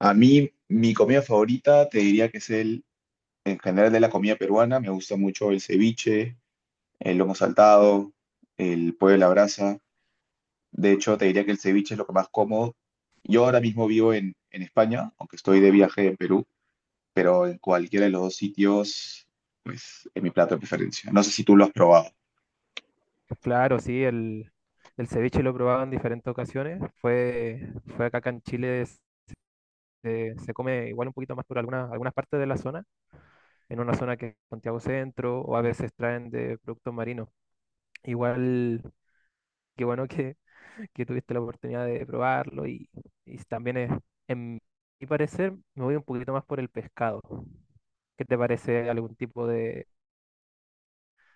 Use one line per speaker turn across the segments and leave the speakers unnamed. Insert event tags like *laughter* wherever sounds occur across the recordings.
A mí, mi comida favorita te diría que es en general, de la comida peruana. Me gusta mucho el ceviche, el lomo saltado, el pollo a la brasa. De hecho, te diría que el ceviche es lo que más como. Yo ahora mismo vivo en España, aunque estoy de viaje en Perú, pero en cualquiera de los dos sitios, pues es mi plato de preferencia. No sé si tú lo has probado.
Claro, sí, el ceviche lo he probado en diferentes ocasiones. Fue acá en Chile, se come igual un poquito más por algunas partes de la zona, en una zona que es Santiago Centro, o a veces traen de productos marinos. Igual, qué bueno que, que tuviste la oportunidad de probarlo y también es, en mi parecer, me voy un poquito más por el pescado. ¿Qué te parece? ¿Algún tipo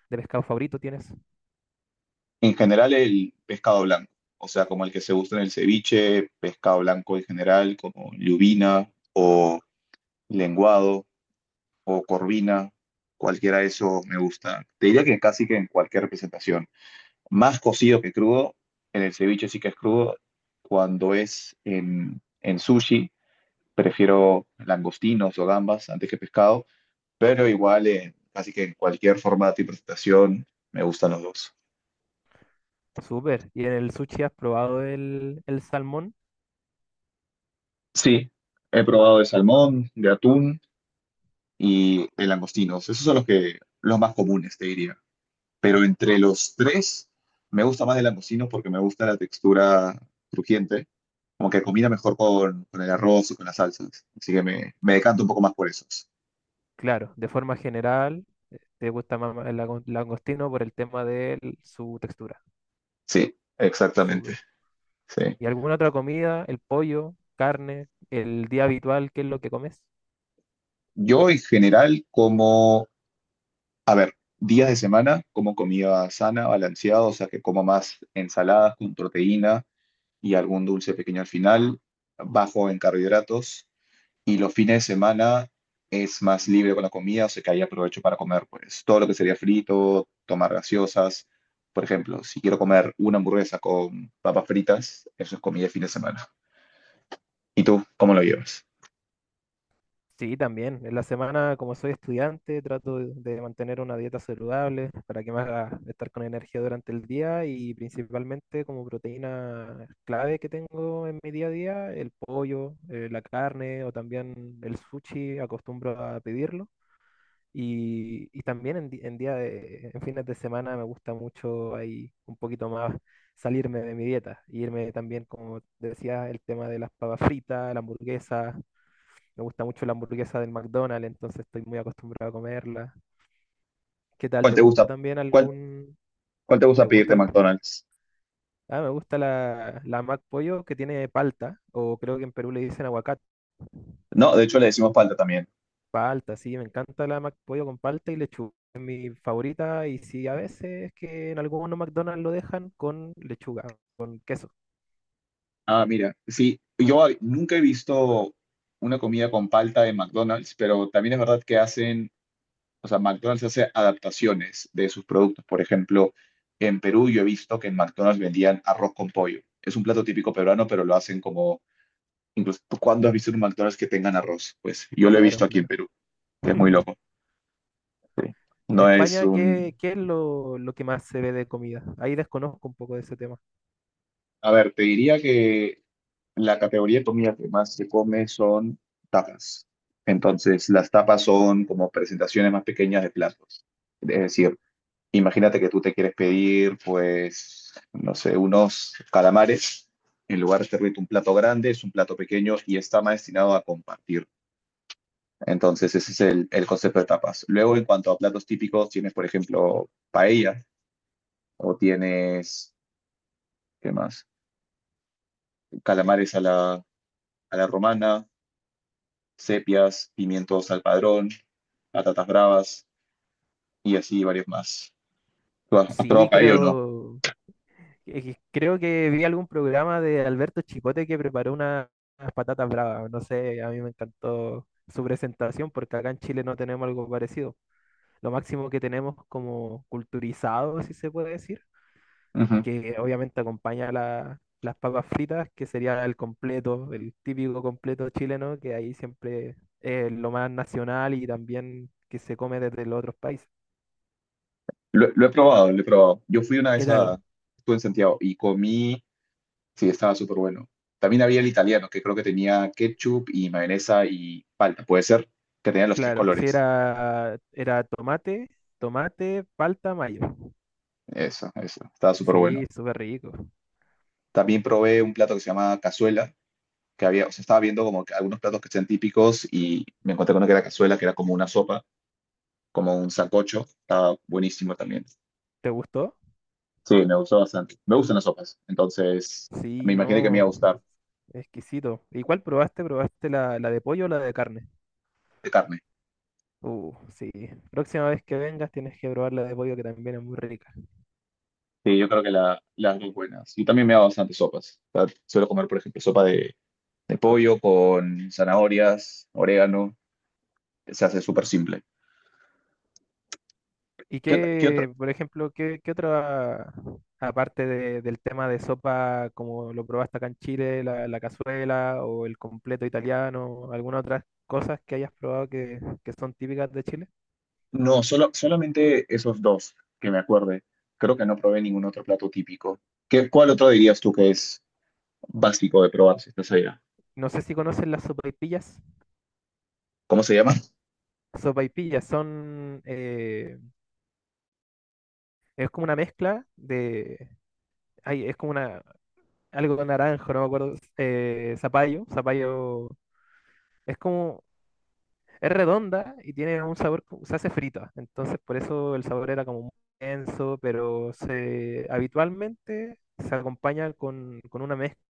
de pescado favorito tienes?
En general, el pescado blanco, o sea, como el que se gusta en el ceviche, pescado blanco en general, como lubina o lenguado o corvina, cualquiera de esos me gusta. Te diría que casi que en cualquier representación. Más cocido que crudo, en el ceviche sí que es crudo. Cuando es en sushi, prefiero langostinos o gambas antes que pescado, pero igual en, casi que en cualquier formato y presentación me gustan los dos.
Súper. ¿Y en el sushi has probado el salmón?
Sí, he probado de salmón, de atún y de langostinos. Esos son los que los más comunes, te diría. Pero entre los tres, me gusta más el langostino porque me gusta la textura crujiente, como que combina mejor con el arroz o con las salsas. Así que me decanto un poco más por esos.
Claro, de forma general, te gusta más el langostino por el tema de su textura.
Sí, exactamente.
Súper.
Sí.
¿Y alguna otra comida? ¿El pollo, carne, el día habitual, qué es lo que comes?
Yo en general, como días de semana, como comida sana, balanceada, o sea que como más ensaladas con proteína y algún dulce pequeño al final, bajo en carbohidratos, y los fines de semana es más libre con la comida, o sea que ahí aprovecho para comer pues todo lo que sería frito, tomar gaseosas. Por ejemplo, si quiero comer una hamburguesa con papas fritas, eso es comida de fin de semana. ¿Y tú cómo lo llevas?
Sí, también. En la semana, como soy estudiante, trato de mantener una dieta saludable para que me haga estar con energía durante el día y principalmente como proteína clave que tengo en mi día a día, el pollo, la carne o también el sushi, acostumbro a pedirlo. Y también en, di- en día de- en fines de semana me gusta mucho ahí un poquito más salirme de mi dieta, e irme también, como decía, el tema de las papas fritas, la hamburguesa. Me gusta mucho la hamburguesa del McDonald's, entonces estoy muy acostumbrado a comerla. ¿Qué tal?
¿Cuál
¿Te
te
gusta
gusta?
también
¿Cuál,
algún...
cuál te gusta
¿Te
pedirte
gusta
en
algún...
McDonald's?
Ah, me gusta la Mac Pollo que tiene palta, o creo que en Perú le dicen aguacate.
No, de hecho le decimos palta también.
Palta, sí, me encanta la McPollo con palta y lechuga. Es mi favorita y sí, a veces es que en algunos McDonald's lo dejan con lechuga, con queso.
Ah, mira, sí, yo nunca he visto una comida con palta de McDonald's, pero también es verdad que hacen. O sea, McDonald's hace adaptaciones de sus productos. Por ejemplo, en Perú yo he visto que en McDonald's vendían arroz con pollo. Es un plato típico peruano, pero lo hacen como, incluso, ¿cuándo has visto en un McDonald's que tengan arroz? Pues yo lo he
Claro,
visto aquí en
claro.
Perú, que es muy
*laughs*
loco. Sí.
Y en
No es
España,
un...
¿qué es lo que más se ve de comida? Ahí desconozco un poco de ese tema.
A ver, te diría que la categoría de comida que más se come son tapas. Entonces, las tapas son como presentaciones más pequeñas de platos. Es decir, imagínate que tú te quieres pedir, pues, no sé, unos calamares. En lugar de servirte un plato grande, es un plato pequeño y está más destinado a compartir. Entonces, ese es el concepto de tapas. Luego, en cuanto a platos típicos, tienes, por ejemplo, paella o tienes, ¿qué más? Calamares a a la romana, sepias, pimientos al padrón, patatas bravas y así varios más. ¿Tú has probado
Sí,
paella o no?
es que creo que vi algún programa de Alberto Chicote que preparó unas patatas bravas. No sé, a mí me encantó su presentación porque acá en Chile no tenemos algo parecido. Lo máximo que tenemos como culturizado, si se puede decir,
Ujú.
que obviamente acompaña las papas fritas, que sería el completo, el típico completo chileno, que ahí siempre es lo más nacional y también que se come desde los otros países.
Lo he probado, lo he probado. Yo fui una
¿Qué
vez a,
tal?
estuve en Santiago y comí, sí, estaba súper bueno. También había el italiano, que creo que tenía ketchup y mayonesa y palta, puede ser, que tenía los tres
Claro, sí
colores.
era tomate, tomate, palta, mayo.
Eso, estaba súper
Sí,
bueno.
súper rico.
También probé un plato que se llama cazuela, que había, o sea, estaba viendo como que algunos platos que sean típicos y me encontré con uno que era cazuela, que era como una sopa, como un sancocho, estaba buenísimo también.
¿Te gustó?
Sí, me gustó bastante. Me gustan las sopas, entonces
Sí,
me imaginé que me iba
no,
a gustar
exquisito. ¿Y cuál probaste? ¿Probaste la de pollo o la de carne?
de carne.
Sí. Próxima vez que vengas tienes que probar la de pollo que también es muy rica.
Sí, yo creo que la- las dos buenas. Yo también me hago bastantes sopas. O sea, suelo comer, por ejemplo, sopa de pollo con zanahorias, orégano. Se hace súper simple.
¿Y
¿Qué otro? ¿Qué otro?
qué, por ejemplo, aparte del tema de sopa, como lo probaste acá en Chile, la cazuela o el completo italiano, alguna otras cosas que hayas probado que son típicas de Chile?
No, solo, solamente esos dos que me acuerde. Creo que no probé ningún otro plato típico. ¿Qué, cuál otro dirías tú que es básico de probar si estás allá?
No sé si conocen las sopaipillas.
¿Cómo se llama?
Sopaipillas son, es como una mezcla de, ay, es como una, algo naranjo, no me acuerdo, zapallo. Es como... Es redonda y tiene un sabor, se hace frita, entonces por eso el sabor era como muy denso, pero habitualmente se acompaña con una mezcla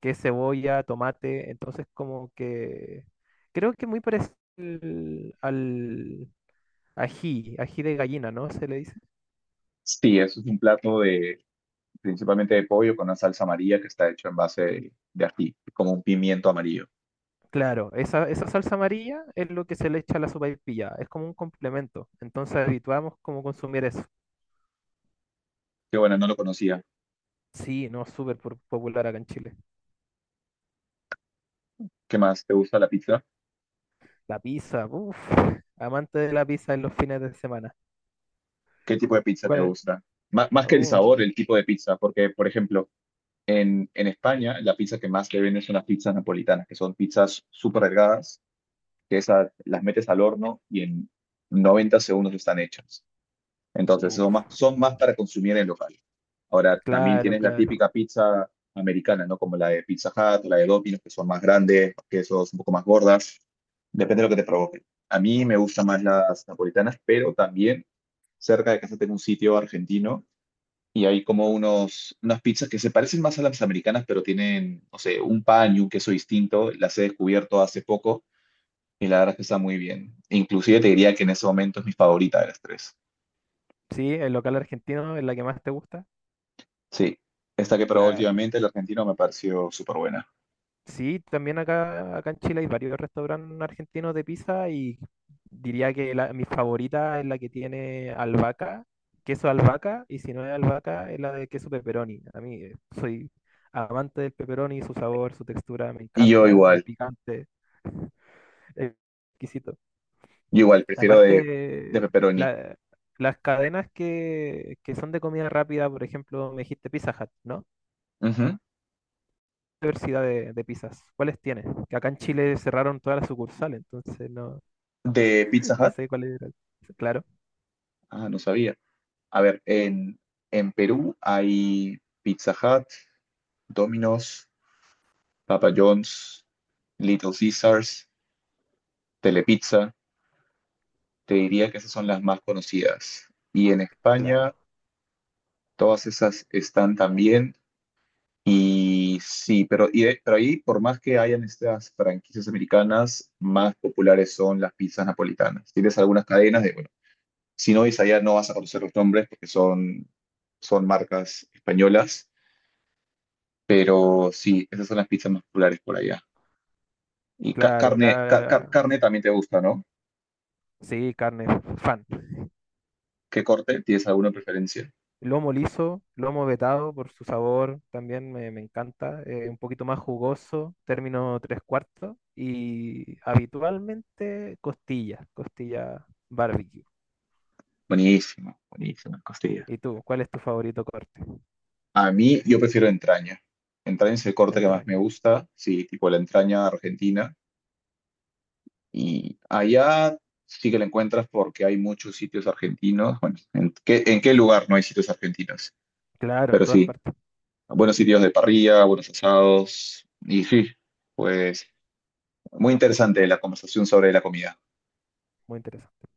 que es cebolla, tomate, entonces como que creo que muy parecido al ají de gallina, ¿no? Se le dice.
Sí, eso es un plato de principalmente de pollo con una salsa amarilla que está hecho en base de ají, como un pimiento amarillo.
Claro, esa salsa amarilla es lo que se le echa a la sopaipilla, es como un complemento, entonces habituamos como consumir eso.
Qué bueno, no lo conocía.
Sí, no, súper popular acá en Chile.
¿Qué más? ¿Te gusta la pizza?
La pizza, uff. Amante de la pizza en los fines de semana.
¿Qué tipo de pizza te
¿Cuál?
gusta? Má- más que el sabor,
Uh,
el tipo de pizza, porque, por ejemplo, en España la pizza que más te venden son las pizzas napolitanas, que son pizzas súper delgadas, que esas las metes al horno y en 90 segundos están hechas. Entonces,
uf.
son más para consumir en local. Ahora, también
Claro,
tienes la
claro.
típica pizza americana, ¿no? Como la de Pizza Hut, la de Domino's, que son más grandes, que son un poco más gordas. Depende de lo que te provoque. A mí me gustan más las napolitanas, pero también cerca de casa tengo un sitio argentino y hay como unas pizzas que se parecen más a las americanas, pero tienen, no sé, un pan y un queso distinto. Las he descubierto hace poco y la verdad es que está muy bien. Inclusive te diría que en ese momento es mi favorita de las tres.
Sí, el local argentino es la que más te gusta.
Sí, esta que probé
Claro.
últimamente, el argentino, me pareció súper buena.
Sí, también acá en Chile hay varios restaurantes argentinos de pizza y diría que mi favorita es la que tiene albahaca, queso albahaca, y si no es albahaca, es la de queso pepperoni. A mí soy amante del pepperoni, su sabor, su textura, me
Y
encanta, el picante, es exquisito.
yo igual, prefiero de
Aparte,
pepperoni.
la- las cadenas que son de comida rápida, por ejemplo, me dijiste Pizza Hut, ¿no?
Ujú.
¿Qué diversidad de pizzas? ¿Cuáles tienes? Que acá en Chile cerraron todas las sucursales, entonces no,
De Pizza
*laughs* no
Hut.
sé cuáles eran. Claro,
Ah, no sabía. A ver, en Perú hay Pizza Hut, Domino's, Papa John's, Little Caesars, Telepizza, te diría que esas son las más conocidas. Y en
claro,
España, todas esas están también. Y sí, pero, y de- pero ahí, por más que hayan estas franquicias americanas, más populares son las pizzas napolitanas. Tienes algunas cadenas de, bueno, si no ves allá no vas a conocer los nombres porque son, son marcas españolas, pero sí, esas son las pizzas más populares por allá. Y ca-
claro.
carne, ca- ca-
La,
carne también te gusta, ¿no?
sí, carne, fan.
¿Qué corte? ¿Tienes alguna preferencia?
Lomo liso, lomo vetado por su sabor, también me encanta. Un poquito más jugoso, término tres cuartos. Y habitualmente costilla, costilla barbecue.
Buenísimo, buenísimo, costilla.
¿Y tú? ¿Cuál es tu favorito corte
A mí, yo prefiero entraña. Entraña es el
de
corte que más me
entraña?
gusta, sí, tipo la entraña argentina. Y allá sí que la encuentras porque hay muchos sitios argentinos. Bueno, en qué lugar no hay sitios argentinos?
Claro, en
Pero
todas
sí,
partes.
buenos sitios de parrilla, buenos asados. Y sí, pues muy interesante la conversación sobre la comida.
Muy interesante.